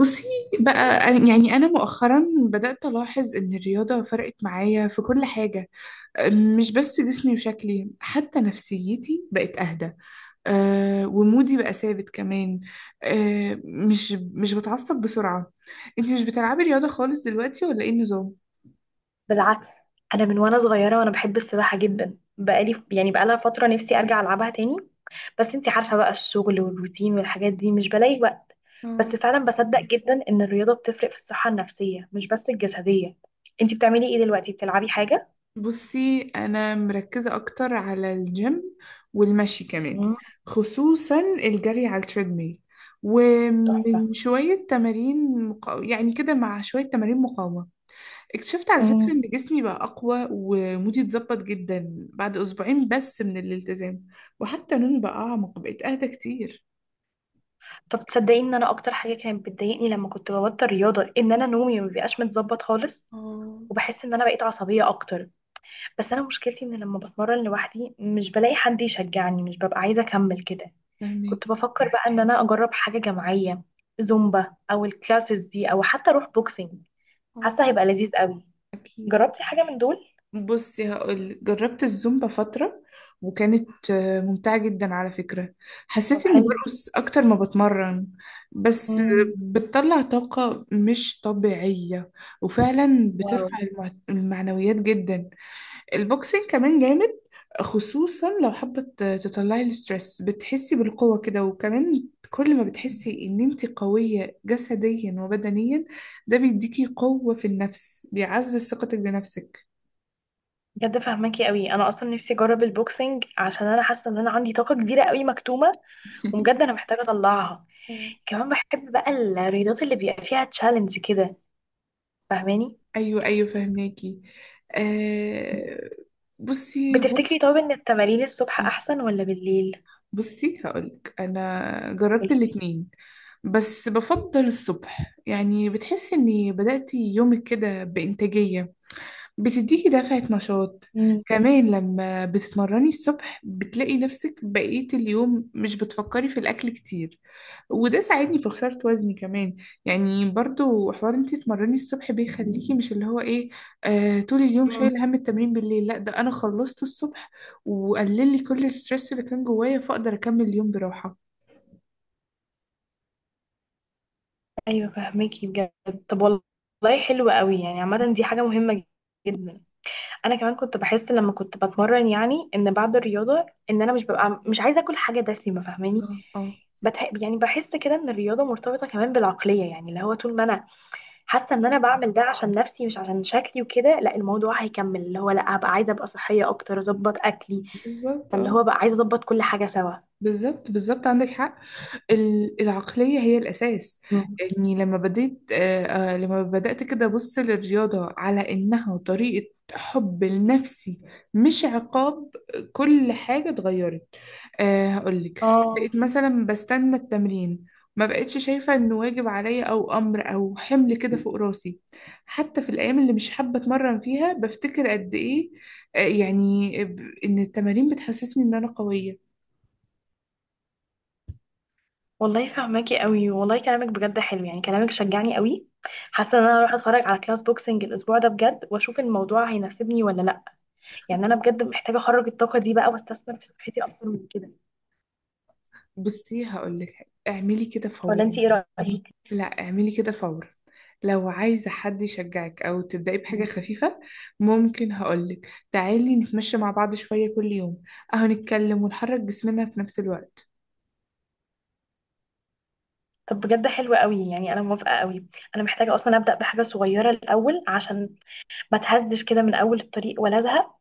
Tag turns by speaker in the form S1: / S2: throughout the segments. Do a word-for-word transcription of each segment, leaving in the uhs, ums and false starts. S1: بصي، بقى أنا- يعني أنا مؤخرا بدأت ألاحظ إن الرياضة فرقت معايا في كل حاجة. أم، مش بس جسمي وشكلي، حتى نفسيتي بقت أهدى. أه، ومودي بقى ثابت كمان. أه، مش مش بتعصب بسرعة. أنتي مش بتلعبي رياضة خالص دلوقتي ولا إيه النظام؟
S2: بالعكس. انا من وانا صغيره وانا بحب السباحه جدا، بقالي يعني بقالها فتره نفسي ارجع العبها تاني. بس انتي عارفه بقى، الشغل والروتين والحاجات دي مش بلاقي وقت. بس فعلا بصدق جدا ان الرياضه بتفرق في الصحه النفسيه مش بس الجسديه. انتي بتعملي ايه دلوقتي؟ بتلعبي حاجه؟
S1: بصي، أنا مركزة أكتر على الجيم، والمشي كمان،
S2: مم.
S1: خصوصا الجري على التريدميل،
S2: تحفه.
S1: ومن شوية تمارين مقا... يعني كده مع شوية تمارين مقاومة. اكتشفت على فكرة
S2: مم.
S1: إن جسمي بقى أقوى، ومودي اتظبط جدا بعد أسبوعين بس من الالتزام. وحتى نومي بقى أعمق، بقيت أهدى كتير.
S2: طب تصدقي ان انا اكتر حاجه كانت بتضايقني لما كنت ببطل رياضه ان انا نومي ما بيبقاش متظبط خالص،
S1: اه.
S2: وبحس ان انا بقيت عصبيه اكتر. بس انا مشكلتي ان لما بتمرن لوحدي مش بلاقي حد يشجعني، مش ببقى عايزه اكمل كده. كنت
S1: فاهمك.
S2: بفكر بقى ان انا اجرب حاجه جماعيه، زومبا او الكلاسز دي او حتى اروح بوكسنج.
S1: اه.
S2: حاسه هيبقى لذيذ قوي.
S1: اكيد.
S2: جربتي حاجه من دول؟
S1: بصي، هقول جربت الزومبا فترة، وكانت آه، ممتعة جدا على فكرة.
S2: طب
S1: حسيت اني
S2: حلو.
S1: برقص اكتر ما بتمرن. بس آه،
S2: مم.
S1: بتطلع طاقة مش طبيعية، وفعلا
S2: واو.
S1: بترفع المع- المعنويات جدا. البوكسينج كمان جامد، خصوصا لو حابة ت- تطلعي الستريس، بتحسي بالقوة كده. وكمان كل ما بتحسي ان انت قوية جسديا وبدنيا، ده بيديكي قوة في النفس، بيعزز ثقتك بنفسك.
S2: بجد فهماكي قوي، انا اصلا نفسي اجرب البوكسنج عشان انا حاسه ان انا عندي طاقه كبيره قوي مكتومه، وبجد انا محتاجه اطلعها. كمان بحب بقى الرياضات اللي بيبقى فيها تشالنج كده، فاهماني؟
S1: ايوه ايوه، فهماكي. آه. بصي برضه-
S2: بتفتكري طب ان التمارين الصبح احسن ولا بالليل؟
S1: بصي هقولك، انا جربت الاتنين، بس بفضل الصبح. يعني بتحسي اني بدأتي يومك كده بإنتاجية، بتديكي دفعة نشاط.
S2: امم.
S1: كمان لما بتتمرني الصبح، بتلاقي نفسك بقية اليوم مش بتفكري في الأكل كتير، وده ساعدني في خسارة وزني كمان. يعني برضو حوار انتي تتمرني الصبح بيخليكي مش اللي هو ايه، آه، طول اليوم
S2: مم.
S1: شايل هم التمرين بالليل. لا، ده أنا خلصت الصبح وقلل لي كل الستريس اللي كان جوايا، فأقدر أكمل اليوم براحة.
S2: ايوه فهميكي بجد. طب والله حلو قوي، يعني عامه دي حاجه مهمه جدا. انا كمان كنت بحس لما كنت بتمرن، يعني ان بعد الرياضه ان انا مش ببقى مش عايزه اكل حاجه دسمه، فاهماني؟
S1: اه اه،
S2: بتح... يعني بحس كده ان الرياضه مرتبطه كمان بالعقليه، يعني اللي هو طول ما انا حاسه ان انا بعمل ده عشان نفسي مش عشان شكلي وكده، لا الموضوع هيكمل، اللي هو لا هبقى عايزه ابقى صحيه اكتر اظبط اكلي،
S1: بالظبط،
S2: اللي
S1: اه.
S2: هو بقى عايزه اظبط كل حاجه سوا.
S1: بالظبط بالظبط، عندك حق. ال- العقلية هي الأساس. يعني لما بديت آه، آه، لما بدأت كده أبص للرياضة على إنها طريقة حب لنفسي، مش عقاب، كل حاجة اتغيرت. أه، هقولك، بقيت
S2: اه.
S1: مثلا بستنى التمرين، ما بقتش شايفة إنه واجب عليا أو أمر أو حمل كده فوق راسي. حتى في الأيام اللي مش حابة أتمرن فيها، بفتكر قد إيه آه، يعني ب- إن التمارين بتحسسني إن أنا قوية.
S2: والله فهماكي قوي، والله كلامك بجد حلو، يعني كلامك شجعني قوي. حاسه ان انا اروح اتفرج على كلاس بوكسنج الاسبوع ده بجد، واشوف الموضوع هيناسبني ولا لا. يعني انا بجد محتاجه اخرج الطاقه دي بقى واستثمر في صحتي اكتر من كده.
S1: بصي، هقول لك حاجة، اعملي كده
S2: ولا انت
S1: فورا.
S2: ايه رايك؟
S1: لا، اعملي كده فورا، لو عايزة حد يشجعك، أو تبدأي بحاجة
S2: ماشي.
S1: خفيفة. ممكن هقولك، تعالي نتمشى مع بعض شوية كل يوم، أهو نتكلم ونحرك جسمنا في نفس الوقت.
S2: طب بجد حلو قوي، يعني انا موافقه قوي. انا محتاجه اصلا ابدا بحاجه صغيره الاول عشان ما اتهزش كده من اول الطريق ولا ازهق.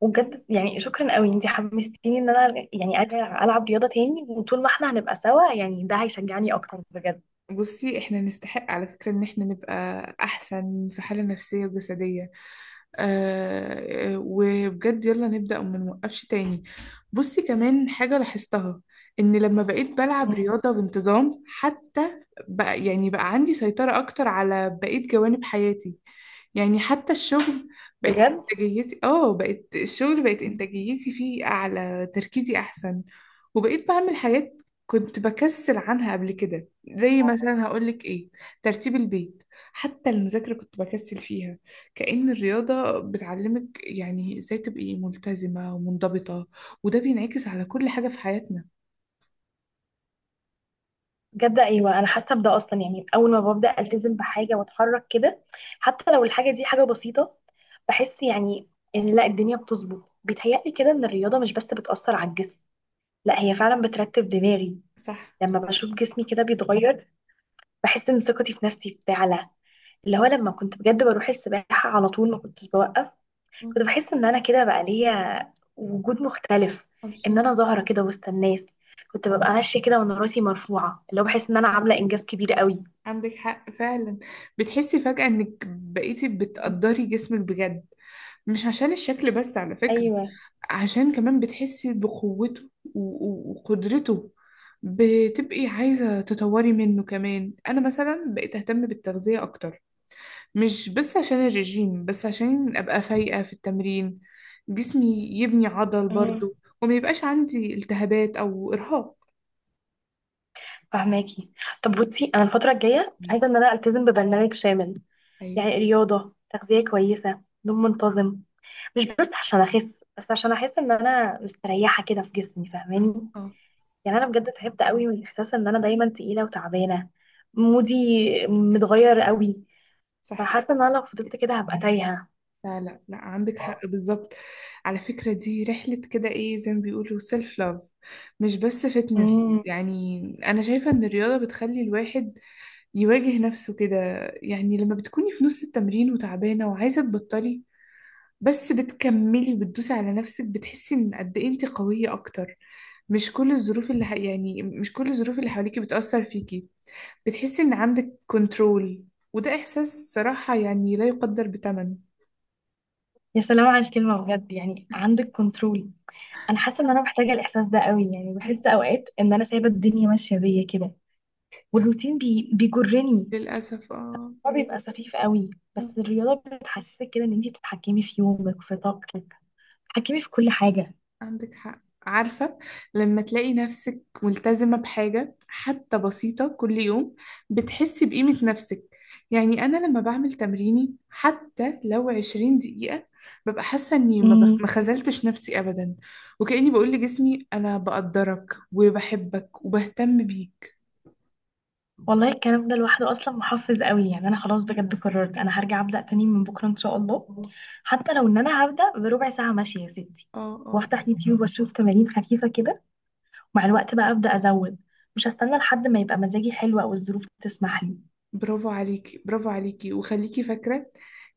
S2: وبجد يعني شكرا قوي، انت حمستيني ان انا يعني ارجع العب رياضه تاني، وطول ما احنا هنبقى سوا يعني ده هيشجعني اكتر بجد.
S1: بصي، احنا نستحق على فكرة ان احنا نبقى احسن في حالة نفسية وجسدية. آه، وبجد يلا نبدأ وما نوقفش تاني. بصي، كمان حاجة لاحظتها، ان لما بقيت بلعب رياضة بانتظام حتى، بقى يعني بقى عندي سيطرة اكتر على بقية جوانب حياتي. يعني حتى الشغل بقت
S2: بجد.
S1: انتاجيتي اه بقت الشغل بقت
S2: مم.
S1: انتاجيتي فيه اعلى، تركيزي احسن. وبقيت بعمل حاجات كنت بكسل عنها قبل كده، زي مثلا هقولك ايه، ترتيب البيت، حتى المذاكرة كنت بكسل فيها. كأن الرياضة بتعلمك يعني ازاي تبقي ملتزمة ومنضبطة، وده بينعكس على كل حاجة في حياتنا.
S2: بجد، ايوه انا حاسه بده اصلا، يعني اول ما ببدا التزم بحاجه واتحرك كده، حتى لو الحاجه دي حاجه بسيطه، بحس يعني ان لا الدنيا بتظبط، بيتهيألي كده ان الرياضه مش بس بتاثر على الجسم، لا هي فعلا بترتب دماغي.
S1: صح
S2: لما
S1: صح.
S2: بشوف جسمي كده بيتغير بحس ان ثقتي في نفسي بتعلى. اللي هو لما كنت بجد بروح السباحه على طول ما كنتش بوقف،
S1: الله.
S2: كنت بحس ان انا كده بقى ليا وجود مختلف، ان
S1: الله.
S2: انا ظاهره كده وسط الناس. كنت ببقى ماشيه كده وانا راسي مرفوعه، اللي هو بحس ان انا عامله انجاز كبير قوي.
S1: عندك حق فعلا. بتحسي فجأة انك بقيتي بتقدري جسمك بجد، مش عشان الشكل بس على فكرة،
S2: ايوه.
S1: عشان كمان بتحسي بقوته و- و- وقدرته. بتبقي عايزة تطوري منه كمان. انا مثلا بقيت اهتم بالتغذية اكتر، مش بس عشان الرجيم، بس عشان ابقى فايقة في التمرين، جسمي يبني عضل
S2: امم.
S1: برضو، وما يبقاش عندي التهابات او ارهاق.
S2: فهماكي. طب بصي، انا الفتره الجايه عايزه ان انا التزم ببرنامج شامل،
S1: ايوه.
S2: يعني رياضه، تغذيه كويسه، نوم منتظم، مش بس عشان اخس بس عشان احس ان انا مستريحه كده في جسمي،
S1: اه
S2: فاهماني؟
S1: اه،
S2: يعني انا بجد تعبت قوي من احساس ان انا دايما تقيله وتعبانه، مودي متغير قوي،
S1: صح.
S2: فحاسه ان انا لو فضلت كده هبقى تايهه.
S1: لا لا لا، عندك حق بالظبط. على فكرة، دي رحلة كده، ايه زي ما بيقولوا سيلف لاف، مش بس فتنس.
S2: امم.
S1: يعني انا شايفة ان الرياضة بتخلي الواحد يواجه نفسه كده. يعني لما بتكوني في نص التمرين وتعبانة وعايزة تبطلي، بس بتكملي وبتدوسي على نفسك، بتحسي ان قد ايه انت قوية اكتر. مش كل الظروف اللي ح- يعني مش كل الظروف اللي حواليكي بتأثر فيكي، بتحسي ان عندك كنترول. وده احساس صراحة يعني لا يقدر بثمن.
S2: يا سلام على الكلمة بجد، يعني عندك كنترول. انا حاسة ان انا محتاجة الاحساس ده قوي، يعني بحس اوقات ان انا سايبة الدنيا ماشية بيا كده، والروتين بي... بيجرني.
S1: للأسف، اه.
S2: هو بيبقى سخيف قوي.
S1: آه،
S2: بس الرياضة بتحسسك كده ان انتي بتتحكمي في يومك، في طاقتك، بتتحكمي في كل حاجة.
S1: عندك حق، عارفة، لما تلاقي نفسك ملتزمة بحاجة حتى بسيطة كل يوم، بتحسي بقيمة نفسك. يعني أنا لما بعمل تمريني حتى لو عشرين دقيقة، ببقى حاسة إني ما بخ- ما خذلتش نفسي أبدا، وكأني بقول لجسمي أنا بقدرك وبحبك وبهتم بيك.
S2: والله الكلام ده لوحده اصلا محفز قوي، يعني انا خلاص بجد قررت انا هرجع ابدا تاني من بكره ان شاء الله. حتى لو ان انا هبدا بربع ساعه ماشيه يا ستي،
S1: اه اه.
S2: وافتح يوتيوب واشوف تمارين خفيفه كده، ومع الوقت بقى ابدا ازود. مش هستنى لحد ما يبقى مزاجي حلو او الظروف تسمح لي.
S1: برافو عليكي، برافو عليكي، وخليكي فاكرة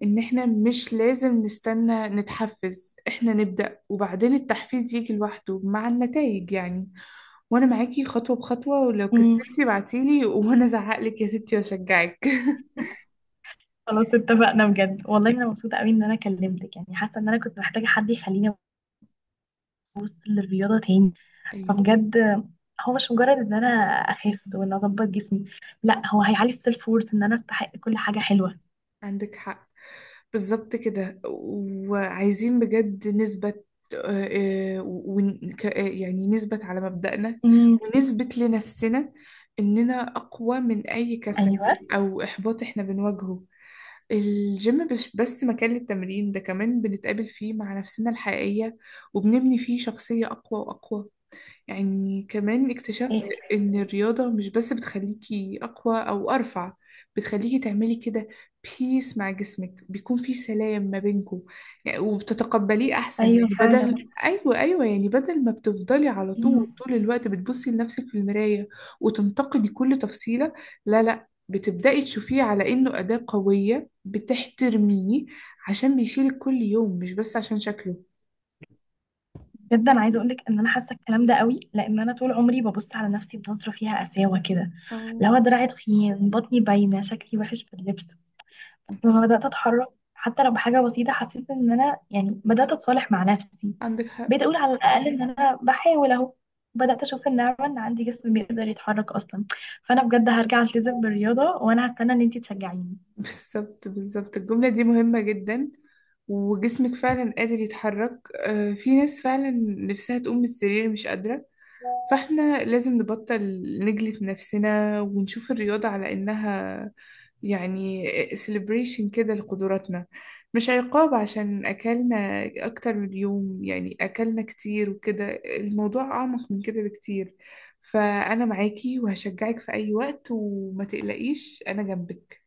S1: إن إحنا مش لازم نستنى نتحفز، إحنا نبدأ وبعدين التحفيز يجي لوحده مع النتائج يعني. وأنا معاكي خطوة بخطوة، ولو
S2: مم.
S1: كسلتي بعتيلي وأنا أزعقلك يا ستي وأشجعك.
S2: خلاص اتفقنا بجد، والله انا مبسوطه قوي ان انا كلمتك، يعني حاسه ان انا كنت محتاجه حد يخليني ابص للرياضه تاني.
S1: أيوه.
S2: فبجد هو مش مجرد ان انا اخس وان اظبط جسمي، لا هو هيعلي السيلف وورث ان انا استحق كل حاجه حلوه.
S1: عندك حق، بالظبط كده. وعايزين بجد نثبت، آه، آه، ون- ك- آه، يعني نثبت على مبدأنا،
S2: امم.
S1: ونثبت لنفسنا إننا أقوى من أي كسل
S2: ايوه.
S1: أو إحباط إحنا بنواجهه. الجيم مش بس مكان للتمرين، ده كمان بنتقابل فيه مع نفسنا الحقيقية، وبنبني فيه شخصية أقوى وأقوى. يعني كمان اكتشفت
S2: إيه.
S1: إن الرياضة مش بس بتخليكي أقوى أو أرفع، بتخليكي تعملي كده بيس مع جسمك، بيكون في سلام ما بينكم يعني، وبتتقبليه أحسن.
S2: ايوه
S1: يعني
S2: فعلا.
S1: بدل أيوة أيوة، يعني بدل ما بتفضلي على طول
S2: امم.
S1: طول الوقت بتبصي لنفسك في المراية وتنتقدي كل تفصيلة، لا لا، بتبدأي تشوفيه على إنه أداة قوية بتحترميه عشان بيشيلك كل يوم، مش بس عشان شكله.
S2: جدا عايزه اقول لك ان انا حاسه الكلام ده قوي، لان انا طول عمري ببص على نفسي بنظره فيها قساوه كده،
S1: اه.
S2: لو دراعي تخين بطني باينه شكلي وحش في اللبس. بس
S1: مهم.
S2: لما بدات اتحرك، حتى لو بحاجه بسيطه، حسيت ان انا يعني بدات اتصالح مع نفسي.
S1: عندك حق،
S2: بقيت اقول على الاقل ان انا بحاول اهو، بدات اشوف النعمه ان عندي جسم بيقدر يتحرك اصلا. فانا بجد هرجع التزم بالرياضه وانا هستنى ان انتي تشجعيني.
S1: بالظبط بالظبط. الجملة دي مهمة جدا. وجسمك فعلا قادر يتحرك. آه، في ناس فعلا نفسها تقوم من السرير مش قادرة، فاحنا لازم نبطل نجلد نفسنا، ونشوف الرياضة على إنها يعني celebration كده لقدراتنا، مش عقاب عشان أكلنا أكتر من يوم، يعني أكلنا كتير وكده. الموضوع أعمق من كده بكتير. فأنا معاكي وهشجعك في أي وقت وما تقلقيش أنا جنبك.